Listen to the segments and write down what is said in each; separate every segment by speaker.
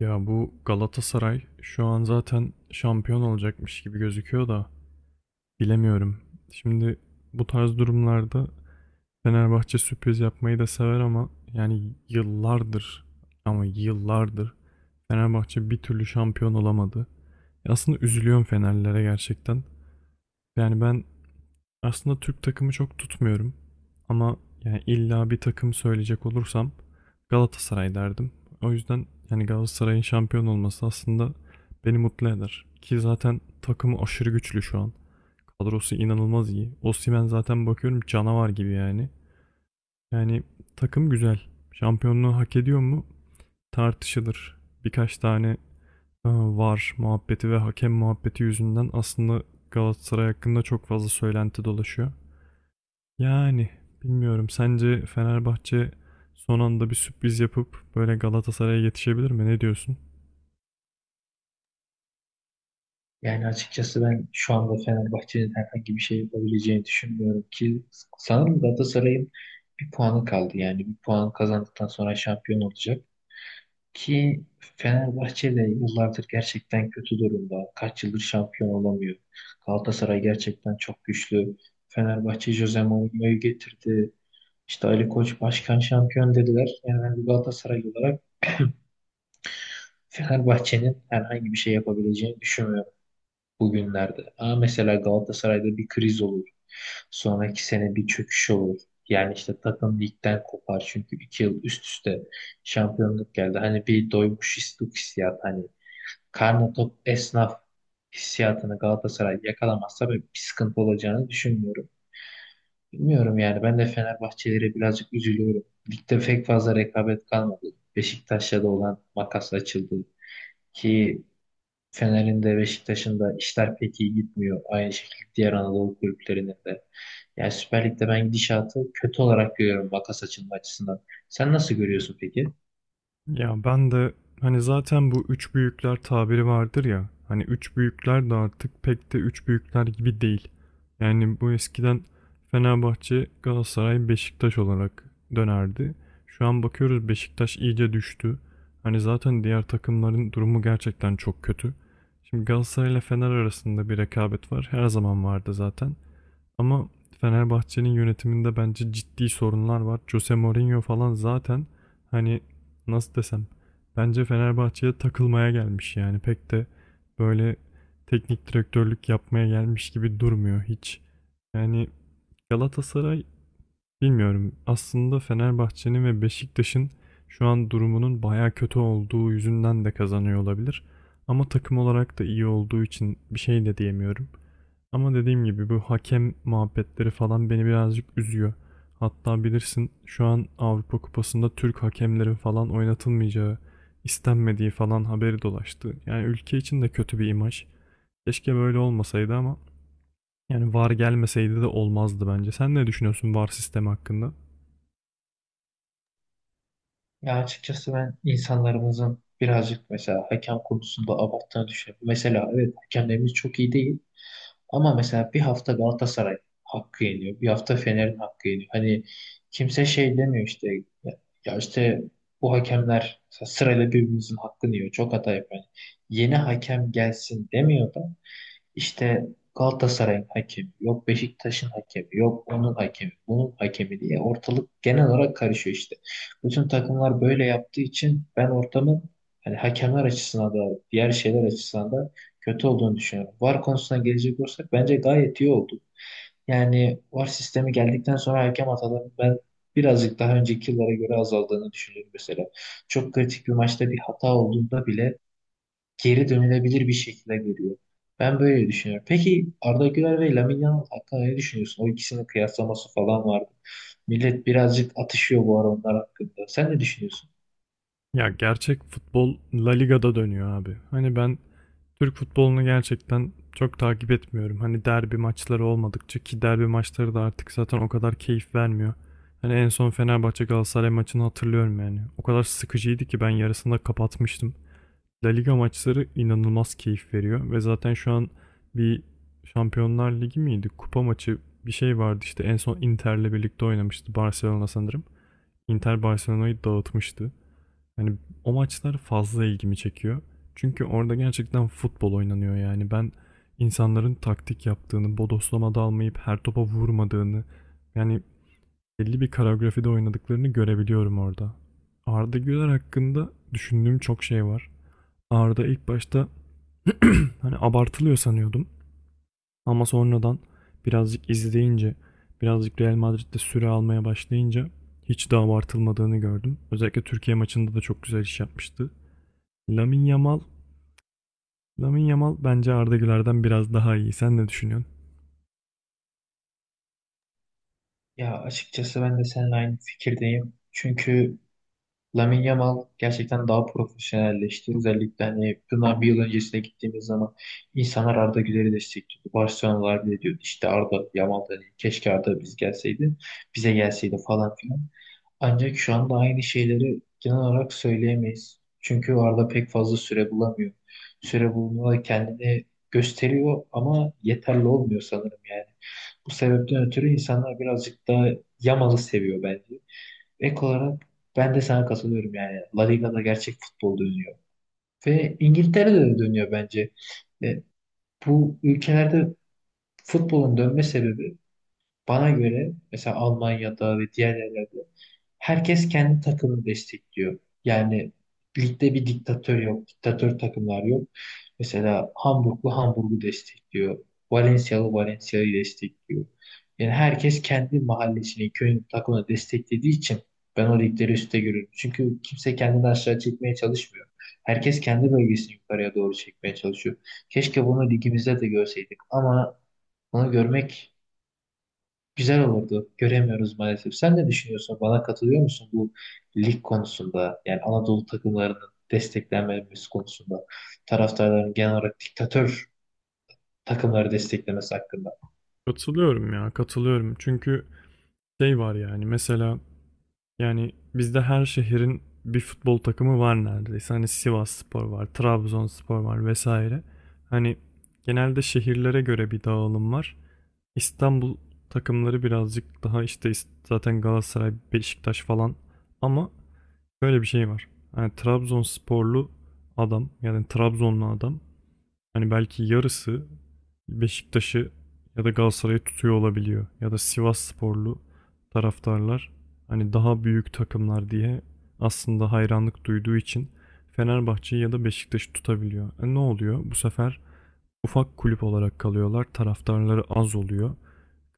Speaker 1: Ya bu Galatasaray şu an zaten şampiyon olacakmış gibi gözüküyor da bilemiyorum. Şimdi bu tarz durumlarda Fenerbahçe sürpriz yapmayı da sever ama yani yıllardır Fenerbahçe bir türlü şampiyon olamadı. Aslında üzülüyorum Fenerlilere gerçekten. Yani ben aslında Türk takımı çok tutmuyorum. Ama yani illa bir takım söyleyecek olursam Galatasaray derdim. O yüzden yani Galatasaray'ın şampiyon olması aslında beni mutlu eder. Ki zaten takımı aşırı güçlü şu an. Kadrosu inanılmaz iyi. Osimhen zaten bakıyorum canavar gibi yani. Yani takım güzel. Şampiyonluğu hak ediyor mu? Tartışılır. Birkaç tane var muhabbeti ve hakem muhabbeti yüzünden aslında Galatasaray hakkında çok fazla söylenti dolaşıyor. Yani bilmiyorum. Sence Fenerbahçe son anda bir sürpriz yapıp böyle Galatasaray'a yetişebilir mi? Ne diyorsun?
Speaker 2: Yani açıkçası ben şu anda Fenerbahçe'nin herhangi bir şey yapabileceğini düşünmüyorum ki sanırım Galatasaray'ın bir puanı kaldı. Yani bir puan kazandıktan sonra şampiyon olacak. Ki Fenerbahçe de yıllardır gerçekten kötü durumda. Kaç yıldır şampiyon olamıyor. Galatasaray gerçekten çok güçlü. Fenerbahçe Jose Mourinho'yu getirdi. İşte Ali Koç başkan şampiyon dediler. Yani ben bir Galatasaray olarak Fenerbahçe'nin herhangi bir şey yapabileceğini düşünmüyorum bugünlerde. Mesela Galatasaray'da bir kriz olur. Sonraki sene bir çöküş olur. Yani işte takım ligden kopar çünkü iki yıl üst üste şampiyonluk geldi. Hani bir doymuş istuk hissiyatı, hani karnı tok esnaf hissiyatını Galatasaray yakalamazsa ben bir sıkıntı olacağını düşünmüyorum. Bilmiyorum yani, ben de Fenerbahçelere birazcık üzülüyorum. Ligde pek fazla rekabet kalmadı. Beşiktaş'la da olan makas açıldı ki Fener'in de Beşiktaş'ın da işler pek iyi gitmiyor. Aynı şekilde diğer Anadolu kulüplerinin de. Yani Süper Lig'de ben gidişatı kötü olarak görüyorum, makas açılma açısından. Sen nasıl görüyorsun peki?
Speaker 1: Ya ben de hani zaten bu üç büyükler tabiri vardır ya. Hani üç büyükler de artık pek de üç büyükler gibi değil. Yani bu eskiden Fenerbahçe, Galatasaray, Beşiktaş olarak dönerdi. Şu an bakıyoruz Beşiktaş iyice düştü. Hani zaten diğer takımların durumu gerçekten çok kötü. Şimdi Galatasaray ile Fener arasında bir rekabet var. Her zaman vardı zaten. Ama Fenerbahçe'nin yönetiminde bence ciddi sorunlar var. Jose Mourinho falan zaten hani nasıl desem bence Fenerbahçe'ye takılmaya gelmiş yani pek de böyle teknik direktörlük yapmaya gelmiş gibi durmuyor hiç. Yani Galatasaray bilmiyorum aslında Fenerbahçe'nin ve Beşiktaş'ın şu an durumunun baya kötü olduğu yüzünden de kazanıyor olabilir. Ama takım olarak da iyi olduğu için bir şey de diyemiyorum. Ama dediğim gibi bu hakem muhabbetleri falan beni birazcık üzüyor. Hatta bilirsin şu an Avrupa Kupası'nda Türk hakemlerin falan oynatılmayacağı, istenmediği falan haberi dolaştı. Yani ülke için de kötü bir imaj. Keşke böyle olmasaydı ama yani VAR gelmeseydi de olmazdı bence. Sen ne düşünüyorsun VAR sistemi hakkında?
Speaker 2: Ya açıkçası ben insanlarımızın birazcık mesela hakem konusunda abarttığını düşünüyorum. Mesela evet, hakemlerimiz çok iyi değil. Ama mesela bir hafta Galatasaray hakkı yeniyor. Bir hafta Fener'in hakkı yeniyor. Hani kimse şey demiyor işte, ya, işte bu hakemler mesela sırayla birbirimizin hakkını yiyor. Çok hata yapıyor. Yani yeni hakem gelsin demiyor da işte Galatasaray'ın hakemi, yok Beşiktaş'ın hakemi, yok onun hakemi, bunun hakemi diye ortalık genel olarak karışıyor işte. Bütün takımlar böyle yaptığı için ben ortamın, hani hakemler açısından da diğer şeyler açısından da, kötü olduğunu düşünüyorum. VAR konusuna gelecek olursak bence gayet iyi oldu. Yani VAR sistemi geldikten sonra hakem hatalarının ben birazcık daha önceki yıllara göre azaldığını düşünüyorum mesela. Çok kritik bir maçta bir hata olduğunda bile geri dönülebilir bir şekilde geliyor. Ben böyle düşünüyorum. Peki Arda Güler ve Lamine Yamal hakkında ne düşünüyorsun? O ikisinin kıyaslaması falan vardı. Millet birazcık atışıyor bu ara onlar hakkında. Sen ne düşünüyorsun?
Speaker 1: Ya gerçek futbol La Liga'da dönüyor abi. Hani ben Türk futbolunu gerçekten çok takip etmiyorum. Hani derbi maçları olmadıkça ki derbi maçları da artık zaten o kadar keyif vermiyor. Hani en son Fenerbahçe Galatasaray maçını hatırlıyorum yani. O kadar sıkıcıydı ki ben yarısında kapatmıştım. La Liga maçları inanılmaz keyif veriyor ve zaten şu an bir Şampiyonlar Ligi miydi? Kupa maçı bir şey vardı işte en son Inter'le birlikte oynamıştı Barcelona sanırım. Inter Barcelona'yı dağıtmıştı. Hani o maçlar fazla ilgimi çekiyor. Çünkü orada gerçekten futbol oynanıyor yani. Ben insanların taktik yaptığını, bodoslama dalmayıp her topa vurmadığını, yani belli bir koreografide oynadıklarını görebiliyorum orada. Arda Güler hakkında düşündüğüm çok şey var. Arda ilk başta hani abartılıyor sanıyordum. Ama sonradan birazcık izleyince, birazcık Real Madrid'de süre almaya başlayınca hiç de abartılmadığını gördüm. Özellikle Türkiye maçında da çok güzel iş yapmıştı. Lamine Yamal Lamine Yamal bence Arda Güler'den biraz daha iyi. Sen ne düşünüyorsun?
Speaker 2: Ya açıkçası ben de seninle aynı fikirdeyim. Çünkü Lamine Yamal gerçekten daha profesyonelleşti. Özellikle hani bundan bir yıl öncesine gittiğimiz zaman insanlar Arda Güler'i destekliyordu. Barcelona'lar bile diyordu işte Arda Yamal da değil, keşke Arda biz gelseydi, bize gelseydi falan filan. Ancak şu anda aynı şeyleri genel olarak söyleyemeyiz. Çünkü Arda pek fazla süre bulamıyor. Süre bulmada kendini gösteriyor ama yeterli olmuyor sanırım yani. Bu sebepten ötürü insanlar birazcık daha Yamal'ı seviyor bence. Ek olarak ben de sana katılıyorum yani. La Liga'da gerçek futbol dönüyor. Ve İngiltere'de de dönüyor bence. E, Bu ülkelerde futbolun dönme sebebi, bana göre, mesela Almanya'da ve diğer yerlerde, herkes kendi takımını destekliyor. Yani ligde bir diktatör yok. Diktatör takımlar yok. Mesela Hamburglu Hamburg'u destekliyor. Valencia'lı Valencia'yı destekliyor. Yani herkes kendi mahallesini, köyün takımını desteklediği için ben o ligleri üstte görüyorum. Çünkü kimse kendini aşağı çekmeye çalışmıyor. Herkes kendi bölgesini yukarıya doğru çekmeye çalışıyor. Keşke bunu ligimizde de görseydik ama bunu görmek güzel olurdu. Göremiyoruz maalesef. Sen ne düşünüyorsun? Bana katılıyor musun bu lig konusunda? Yani Anadolu takımlarının desteklenmemesi konusunda. Taraftarların genel olarak diktatör takımları desteklemesi hakkında.
Speaker 1: Katılıyorum ya, katılıyorum. Çünkü şey var yani mesela yani bizde her şehrin bir futbol takımı var neredeyse. Hani Sivasspor var, Trabzonspor var vesaire. Hani genelde şehirlere göre bir dağılım var. İstanbul takımları birazcık daha işte zaten Galatasaray, Beşiktaş falan ama böyle bir şey var. Yani Trabzonsporlu adam yani Trabzonlu adam hani belki yarısı Beşiktaş'ı ya da Galatasaray'ı tutuyor olabiliyor. Ya da Sivassporlu taraftarlar hani daha büyük takımlar diye aslında hayranlık duyduğu için Fenerbahçe'yi ya da Beşiktaş'ı tutabiliyor. E ne oluyor? Bu sefer ufak kulüp olarak kalıyorlar. Taraftarları az oluyor.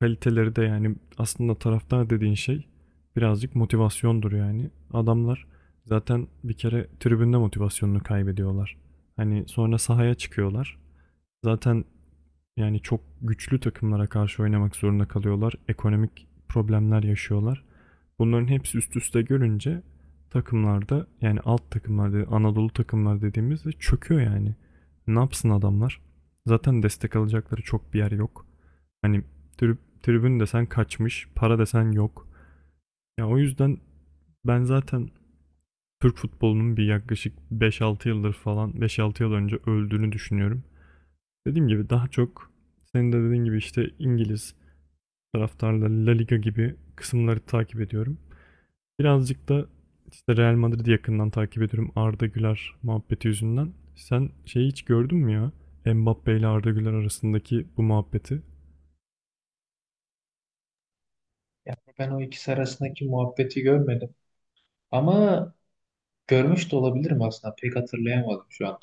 Speaker 1: Kaliteleri de yani aslında taraftar dediğin şey birazcık motivasyondur yani. Adamlar zaten bir kere tribünde motivasyonunu kaybediyorlar. Hani sonra sahaya çıkıyorlar. Zaten yani çok güçlü takımlara karşı oynamak zorunda kalıyorlar. Ekonomik problemler yaşıyorlar. Bunların hepsi üst üste görünce takımlarda yani alt takımlarda Anadolu takımlar dediğimizde çöküyor yani. Ne yapsın adamlar? Zaten destek alacakları çok bir yer yok. Hani tribün desen kaçmış, para desen yok. Ya o yüzden ben zaten Türk futbolunun bir yaklaşık 5-6 yıldır falan 5-6 yıl önce öldüğünü düşünüyorum. Dediğim gibi daha çok senin de dediğin gibi işte İngiliz taraftarları La Liga gibi kısımları takip ediyorum. Birazcık da işte Real Madrid'i yakından takip ediyorum Arda Güler muhabbeti yüzünden. Sen şeyi hiç gördün mü ya? Mbappe ile Arda Güler arasındaki bu muhabbeti.
Speaker 2: Yani ben o ikisi arasındaki muhabbeti görmedim. Ama görmüş de olabilirim aslında. Pek hatırlayamadım şu anda.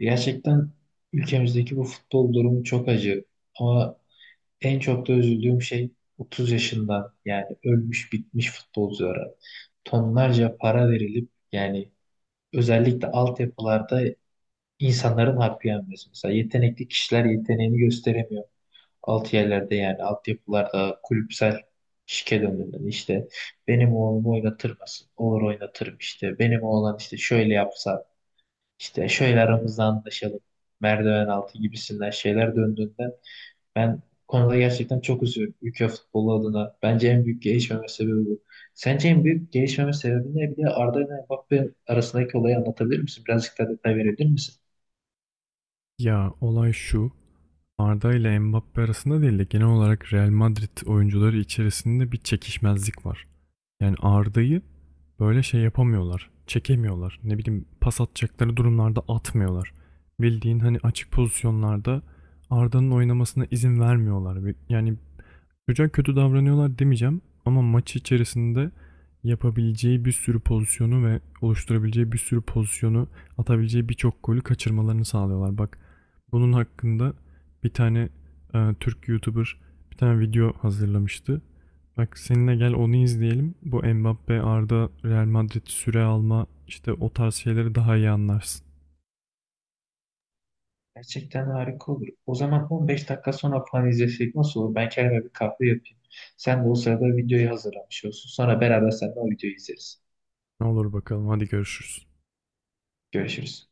Speaker 2: Gerçekten ülkemizdeki bu futbol durumu çok acı. Ama en çok da üzüldüğüm şey, 30 yaşından yani ölmüş bitmiş futbolculara tonlarca para verilip yani özellikle altyapılarda insanların hakkı yenmesi. Mesela yetenekli kişiler yeteneğini gösteremiyor. Alt yerlerde yani altyapılarda kulüpsel şike döneminde işte benim oğlumu oynatırmasın. Olur, oynatırım işte. Benim oğlan işte şöyle yapsa, işte şöyle aramızda anlaşalım. Merdiven altı gibisinden şeyler döndüğünde ben bu konuda gerçekten çok üzülüyorum ülke futbolu adına. Bence en büyük gelişmeme sebebi bu. Sence en büyük gelişmeme sebebi ne? Bir de Arda ile Mbappe arasındaki olayı anlatabilir misin? Birazcık daha detay verebilir misin?
Speaker 1: Ya olay şu. Arda ile Mbappe arasında değil de genel olarak Real Madrid oyuncuları içerisinde bir çekişmezlik var. Yani Arda'yı böyle şey yapamıyorlar. Çekemiyorlar. Ne bileyim pas atacakları durumlarda atmıyorlar. Bildiğin hani açık pozisyonlarda Arda'nın oynamasına izin vermiyorlar. Ve yani çocuğa kötü davranıyorlar demeyeceğim ama maç içerisinde yapabileceği bir sürü pozisyonu ve oluşturabileceği bir sürü pozisyonu atabileceği birçok golü kaçırmalarını sağlıyorlar. Bak bunun hakkında bir tane Türk YouTuber bir tane video hazırlamıştı. Bak seninle gel onu izleyelim. Bu Mbappe, Arda, Real Madrid süre alma işte o tarz şeyleri daha iyi anlarsın.
Speaker 2: Gerçekten harika olur. O zaman 15 dakika sonra falan izlesek nasıl olur? Ben kendime bir kahve yapayım. Sen de o sırada videoyu hazırlamış olsun. Sonra beraber seninle o videoyu izleriz.
Speaker 1: Ne olur bakalım hadi görüşürüz.
Speaker 2: Görüşürüz.